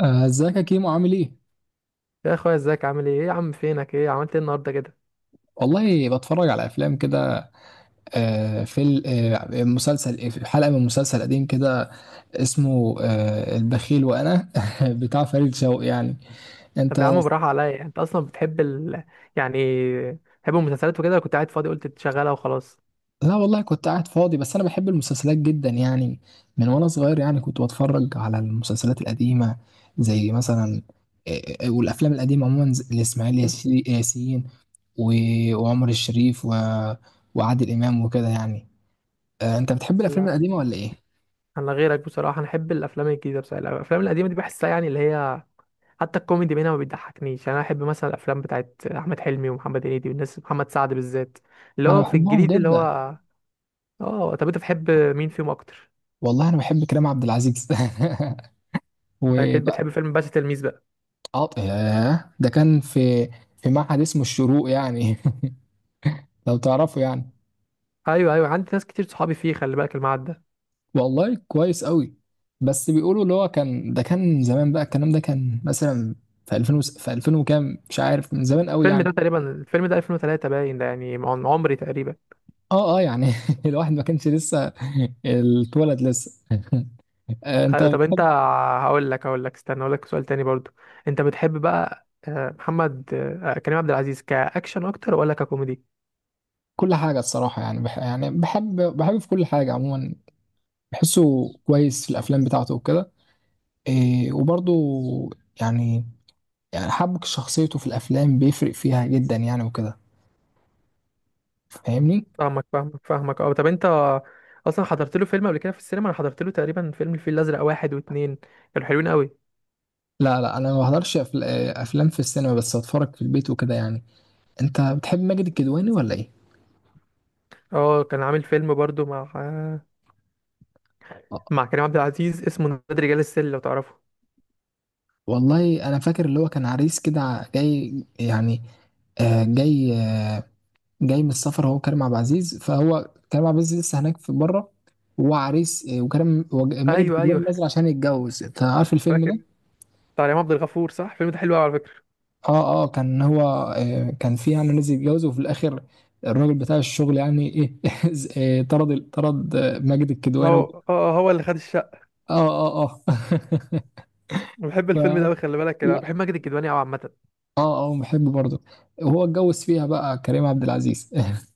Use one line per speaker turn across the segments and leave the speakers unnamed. ازيك يا كيمو عامل ايه؟
يا اخويا، ازيك؟ عامل ايه يا عم؟ فينك؟ ايه عملت ايه النهارده كده؟
والله بتفرج على افلام كده. آه، فيل- آه، مسلسل آه، في حلقه من مسلسل قديم كده اسمه البخيل، وانا بتاع فريد شوقي يعني.
طب يا
انت...
عم براحه عليا، يعني انت اصلا بتحب يعني بتحب المسلسلات وكده؟ كنت قاعد فاضي قلت تشغلها وخلاص؟
لا والله كنت قاعد فاضي، بس انا بحب المسلسلات جدا يعني، من وانا صغير يعني كنت بتفرج على المسلسلات القديمه، زي مثلا والافلام القديمه عموما، لاسماعيل ياسين وعمر الشريف وعادل امام وكده يعني. انت بتحب
لا،
الافلام القديمه ولا ايه؟
انا غيرك بصراحه، انا احب الافلام الجديده. بصراحه الافلام القديمه دي بحسها يعني اللي هي حتى الكوميدي منها ما بيضحكنيش، يعني انا احب مثلا الافلام بتاعت احمد حلمي ومحمد هنيدي والناس، محمد سعد بالذات اللي
انا
هو في
بحبهم
الجديد اللي هو.
جدا.
اه طب انت بتحب مين فيهم اكتر؟
والله انا بحب كريم عبد العزيز
انت اكيد
وبقى.
بتحب فيلم باشا تلميذ بقى.
ياه، ده كان في معهد اسمه الشروق يعني لو تعرفه يعني.
ايوه ايوه، عندي ناس كتير صحابي فيه، خلي بالك المعدة.
والله كويس قوي. بس بيقولوا اللي هو كان، ده كان زمان بقى، الكلام ده كان مثلا في 2000 وكام، مش عارف، من زمان قوي
الفيلم
يعني.
ده تقريبا الفيلم ده 2003 باين ده، يعني من عمري تقريبا.
اه، اه، يعني الواحد ما كانش لسه اتولد لسه انت
أيوة، طب انت،
بتحب
هقول لك، استنى اقول لك سؤال تاني برضو. انت بتحب بقى محمد آه، كريم عبد العزيز كاكشن اكتر ولا ككوميدي؟
كل حاجه، الصراحه يعني، يعني بحب في كل حاجه عموما، بحسه كويس في الافلام بتاعته وكده. إيه، وبرضو يعني يعني حبك شخصيته في الافلام بيفرق فيها جدا يعني وكده. فاهمني؟
فاهمك فاهمك فاهمك، اه طب انت اصلا حضرت له فيلم قبل كده في السينما؟ انا حضرت له تقريبا فيلم الفيل الازرق واحد واتنين، كانوا حلوين قوي.
لا، لا، انا ما بحضرش افلام في السينما، بس اتفرج في البيت وكده يعني. انت بتحب ماجد الكدواني ولا ايه؟
اه، كان عامل فيلم برضو مع آه،
آه،
مع كريم عبد العزيز، اسمه نادي رجال السل، لو تعرفه.
والله انا فاكر، اللي هو كان عريس كده، جاي يعني، آه، جاي آه، جاي من السفر. هو كريم عبد العزيز لسه هناك في بره، وهو عريس وكريم ماجد
ايوه
الكدواني نازل
ايوه،
عشان يتجوز. انت عارف الفيلم
فاكر.
ده؟
بتاع ريهام عبد الغفور صح، الفيلم ده حلو قوي على فكره.
اه، اه، كان هو... كان في يعني ناس يتجوزوا، وفي الاخر الراجل بتاع الشغل يعني ايه طرد ماجد الكدواني
هو اللي خد.
اه، اه، اه،
أنا بحب
ف
الفيلم ده قوي، خلي بالك كده. انا
لا،
بحب ماجد الكدواني قوي عامه.
اه، اه، بحب برضه، وهو اتجوز فيها بقى كريم عبد العزيز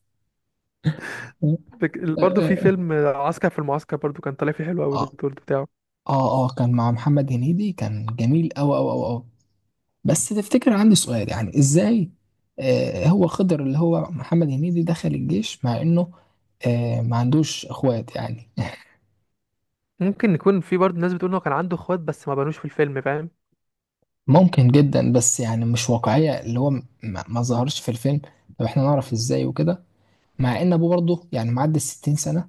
برضه في
اه،
فيلم عسكر في المعسكر برضه، كان طالع فيه حلو قوي الدور بتاعه.
اه، اه، كان مع محمد هنيدي، كان جميل أوي أوي أوي أوي. بس تفتكر، عندي سؤال يعني، ازاي هو خضر اللي هو محمد هنيدي دخل الجيش، مع انه ما عندوش اخوات يعني؟
ممكن يكون في برضه ناس بتقول انه كان عنده اخوات بس ما بانوش في الفيلم، فاهم؟
ممكن جدا، بس يعني مش واقعية، اللي هو ما ظهرش في الفيلم. طب احنا نعرف ازاي وكده؟ مع ان ابوه برضه يعني معدي الستين سنة.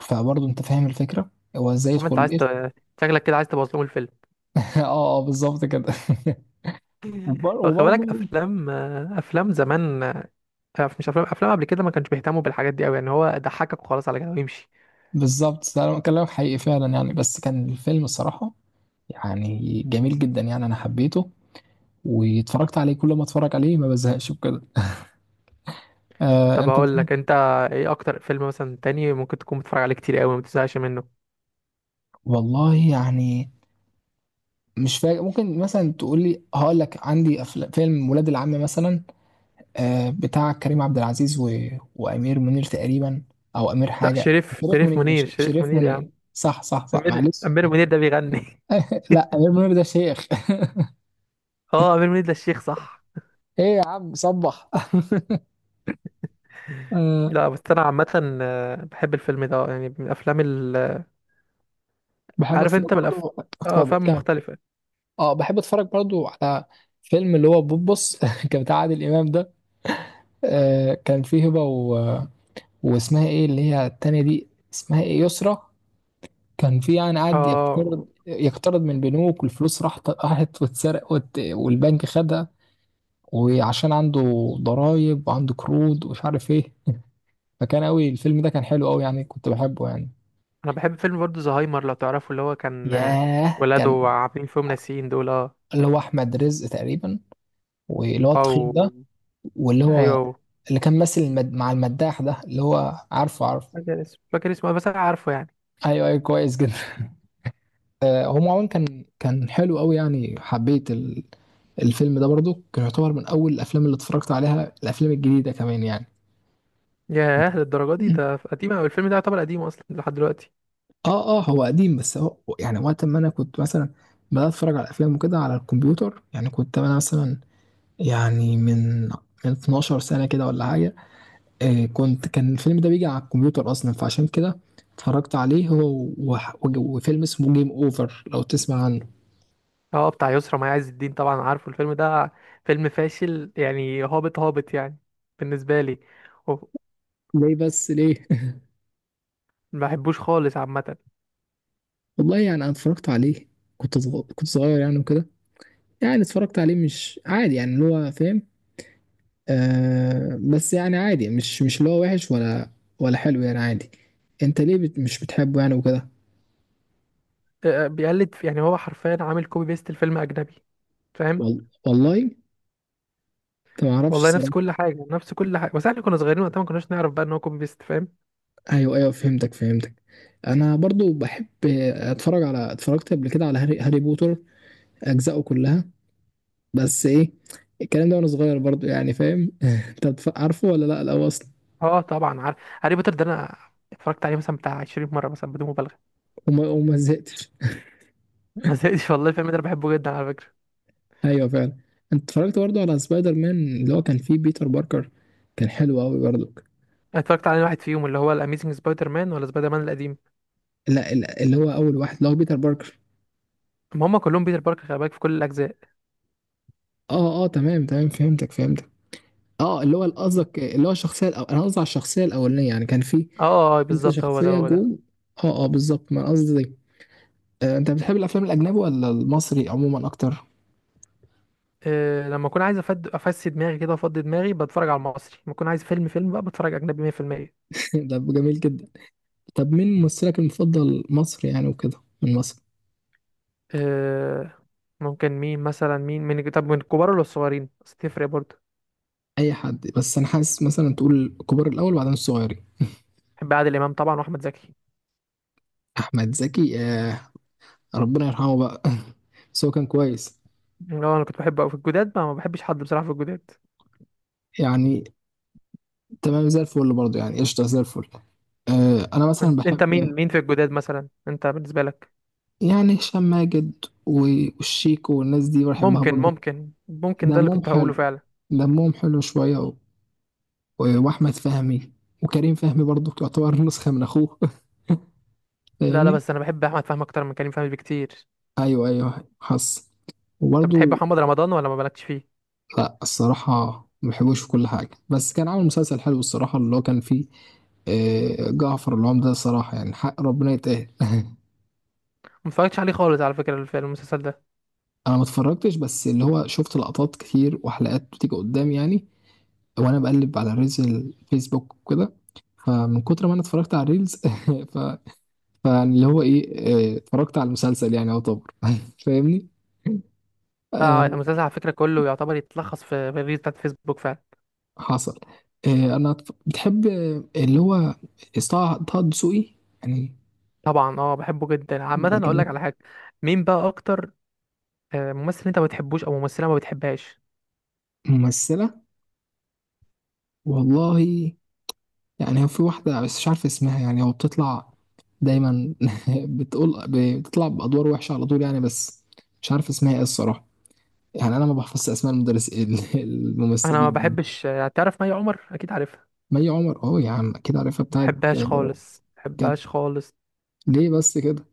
فبرضه انت فاهم الفكرة، هو ازاي
عم
يدخل
انت عايز
الجيش؟
شكلك كده عايز تبوظ لهم الفيلم.
اه، اه، بالظبط كده.
هو خلي بالك
وبرضه...
افلام، افلام زمان، مش افلام قبل كده ما كانش بيهتموا بالحاجات دي قوي، يعني هو ضحكك وخلاص على كده ويمشي.
بالظبط، ده انا كلامك حقيقي فعلا يعني، بس كان الفيلم الصراحة يعني جميل جدا يعني، انا حبيته واتفرجت عليه، كل ما اتفرج عليه ما بزهقش بكده.
طب
انت...
اقول لك، انت ايه اكتر فيلم مثلا تاني ممكن تكون بتتفرج عليه كتير قوي ما بتزهقش منه؟
والله يعني، مش فاكر، ممكن مثلا تقول لي. هقول لك عندي فيلم ولاد العم مثلا، بتاع كريم عبد العزيز و... وامير منير تقريبا، او امير
لا،
حاجه.
شريف
شريف
شريف
منير،
منير شريف
شريف
منير يا عم.
منير، صح، صح، صح،
امير
معلش
امير منير ده بيغني.
لا، امير منير ده شيخ
اه، امير منيب ده الشيخ صح.
ايه يا عم صبح آه،
لا بس انا عامه بحب الفيلم ده، يعني من الافلام ال... آه،
بحب
عارف
اتفرج
انت من
برضو.
اه،
اتفضل
افلام
كمل.
مختلفه.
اه بحب اتفرج برضو على فيلم اللي هو بوبس كان بتاع عادل امام ده. كان فيه هبه واسمها ايه اللي هي التانية دي؟ اسمها ايه، يسرا. كان في يعني قعد يقترض
اه،
يقترض من البنوك، والفلوس راحت راحت واتسرق، والبنك خدها، وعشان عنده ضرايب وعنده قروض ومش عارف ايه. فكان قوي الفيلم ده، كان حلو قوي يعني كنت بحبه يعني.
انا بحب فيلم برضه زهايمر لو تعرفه، اللي هو كان،
ياه،
ولاده
كان
عاملين فيهم ناسيين دول، اه.
اللي هو احمد رزق تقريبا، واللي هو التخين ده،
او
واللي هو
ايوه،
اللي كان ماسك مع المداح ده، اللي هو عارفه عارفه.
فاكر اسمه، فاكر اسمه، بس انا عارفه يعني.
ايوه، ايوه، كويس جدا. هو عموما كان حلو قوي يعني، حبيت الفيلم ده برضو، كان يعتبر من اول الافلام اللي اتفرجت عليها، الافلام الجديده كمان يعني.
ياه للدرجه دي؟ ده قديم أوي، الفيلم ده يعتبر قديم اصلا لحد دلوقتي.
اه، اه، هو قديم، بس هو يعني وقت ما انا كنت مثلا بدات اتفرج على افلام وكده على الكمبيوتر يعني، كنت انا مثلا يعني من 12 سنه كده ولا حاجه. كنت... كان الفيلم ده بيجي على الكمبيوتر اصلا، فعشان كده اتفرجت عليه هو وفيلم اسمه جيم اوفر، لو تسمع عنه.
اه بتاع يسرا مي عز الدين، طبعا عارفه الفيلم ده. فيلم فاشل يعني، هابط هابط يعني، بالنسبه لي. و-
ليه، بس ليه؟
ما بحبوش خالص عامه.
والله يعني انا اتفرجت عليه، كنت صغير يعني وكده، يعني اتفرجت عليه مش عادي يعني، اللي هو فاهم. بس يعني عادي، مش اللي هو وحش ولا حلو يعني، عادي. انت ليه مش بتحبه يعني وكده؟
بيقلد يعني هو حرفيا عامل كوبي بيست الفيلم اجنبي، فاهم؟
والله، انت ما اعرفش
والله نفس
الصراحه.
كل حاجه، نفس كل حاجه، بس احنا كنا صغيرين وقتها ما كناش نعرف بقى ان هو كوبي بيست، فاهم؟
ايوه، ايوه، فهمتك فهمتك. انا برضو بحب اتفرجت قبل كده على هاري بوتر، اجزائه كلها. بس ايه الكلام ده؟ وانا صغير برضو يعني، فاهم انت عارفه ولا لا الاول اصلا؟
اه طبعا عارف هاري بوتر ده. انا اتفرجت عليه مثلا بتاع 20 مره مثلا، بدون مبالغه.
وما زهقتش.
ما زهقتش والله، الفيلم ده انا بحبه جدا على فكره.
ايوه فعلا. انت اتفرجت برضه على سبايدر مان اللي هو كان فيه بيتر باركر؟ كان حلو قوي برضه.
أنا اتفرجت على واحد فيهم، اللي هو الاميزنج سبايدر مان، ولا سبايدر مان القديم.
لا، لا، اللي هو اول واحد اللي هو بيتر باركر.
ما هم كلهم بيتر باركر، خلي بالك، في كل الاجزاء.
اه، اه، تمام تمام، فهمتك فهمتك. اه، اللي هو قصدك اللي هو الشخصيه انا قصدي على الشخصيه الاولانيه يعني، كان في
اه اه،
لسه
بالظبط، هو ده
شخصيه
هو ده.
جوه. اه، اه، بالظبط، ما أنا قصدي دي. انت بتحب الافلام الاجنبي ولا المصري عموما اكتر؟
إيه، لما اكون عايز افسي دماغي كده وافضي دماغي بتفرج على المصري، لما اكون عايز فيلم فيلم بقى بتفرج اجنبي.
ده جميل جدا. طب مين ممثلك المفضل مصري يعني وكده، من مصر؟
100%. ممكن مين مثلا، مين طب من الكبار ولا الصغيرين؟ بس تفرق برضه.
اي حد، بس انا حاسس مثلا تقول الكبار الاول وبعدين الصغيرين.
بحب عادل امام طبعا واحمد زكي.
احمد زكي، ربنا يرحمه بقى بس هو كان كويس
اللي هو انا كنت بحبه أوي في الجداد، ما بحبش حد بصراحه في الجداد.
يعني، تمام زي الفل برضه يعني، قشطة زي الفل. أنا مثلا
أنت
بحب
مين في الجداد مثلا انت بالنسبه لك؟
يعني هشام ماجد والشيكو والناس دي بحبها
ممكن
برضه،
ممكن ممكن ده اللي
دمهم
كنت هقوله
حلو،
فعلا.
دمهم حلو شوية، وأحمد فهمي، وكريم فهمي برضه تعتبر نسخة من أخوه
لا لا،
فاهمني؟
بس انا بحب احمد فهمي اكتر من كريم فهمي بكتير.
أيوه، أيوه، حصل.
انت بتحب
وبرضه...
محمد رمضان ولا ما بالكش فيه؟
لا الصراحة، ما بحبوش في كل حاجة، بس كان عامل مسلسل حلو الصراحة، اللي هو كان فيه جعفر العمدة، الصراحة يعني حق ربنا يتقال
ما اتفرجتش عليه خالص على فكره في المسلسل ده.
أنا ما اتفرجتش، بس اللي هو شفت لقطات كتير وحلقات بتيجي قدام يعني، وأنا بقلب على ريلز الفيسبوك وكده، فمن كتر ما أنا اتفرجت على الريلز ف... فاللي هو إيه، اتفرجت على المسلسل يعني يعتبر فاهمني. آه،
لا، المسلسل على فكره كله يعتبر يتلخص في الريلز بتاعت فيسبوك فعلا.
حصل. أنا بتحب اللي هو طه دسوقي؟
طبعا اه، بحبه جدا عامه. اقول لك
يعني
على حاجه، مين بقى اكتر ممثل انت ما بتحبوش او ممثله ما بتحبهاش؟
ممثلة... والله يعني، هو في واحدة بس مش عارف اسمها يعني، هو بتطلع دايما بتقول، بتطلع بأدوار وحشة على طول يعني، بس مش عارف اسمها ايه الصراحة، يعني أنا ما بحفظش أسماء المدرس
انا ما
الممثلين.
بحبش، تعرف مي عمر؟ اكيد عارفها.
مي عمر، اه يا عم أكيد عارفها
ما
بتاعت...
بحبهاش خالص، ما
كانت،
بحبهاش خالص.
ليه بس كده؟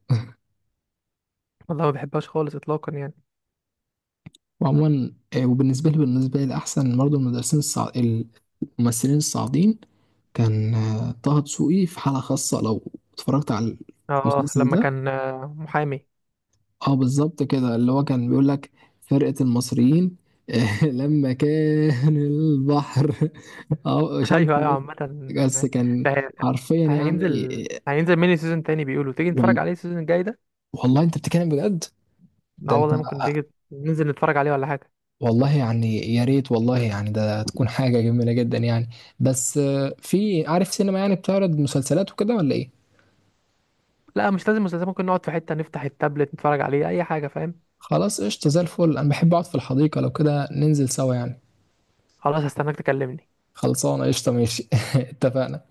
والله ما بحبهاش خالص اطلاقا يعني.
وعموما، وبالنسبة لي أحسن برضه المدرسين الممثلين الصاعدين. كان طه دسوقي في حالة خاصة، لو اتفرجت على
اه
المسلسل
لما
ده.
كان محامي.
اه بالظبط كده، اللي هو كان بيقول لك فرقة المصريين لما كان البحر اه مش عارف
ايوه
إيه
ايوه عامه،
ده، بس كان
ده
حرفيا يعني.
هينزل
آه،
هينزل ميني سيزون تاني بيقولوا، تيجي نتفرج
وال-
عليه السيزون الجاي ده؟
والله انت بتتكلم بجد، ده
اه
انت...
والله، ممكن تيجي ننزل نتفرج عليه ولا حاجه؟
والله يعني يا ريت، والله يعني ده تكون حاجة جميلة جدا يعني، بس في عارف سينما يعني بتعرض مسلسلات وكده ولا ايه؟
لا مش لازم مسلسل، ممكن نقعد في حته نفتح التابلت نتفرج عليه اي حاجه، فاهم؟
خلاص قشطة زي الفل، انا بحب اقعد في الحديقة، لو كده ننزل سوا يعني.
خلاص، هستناك تكلمني.
خلصانة قشطة، ماشي اتفقنا.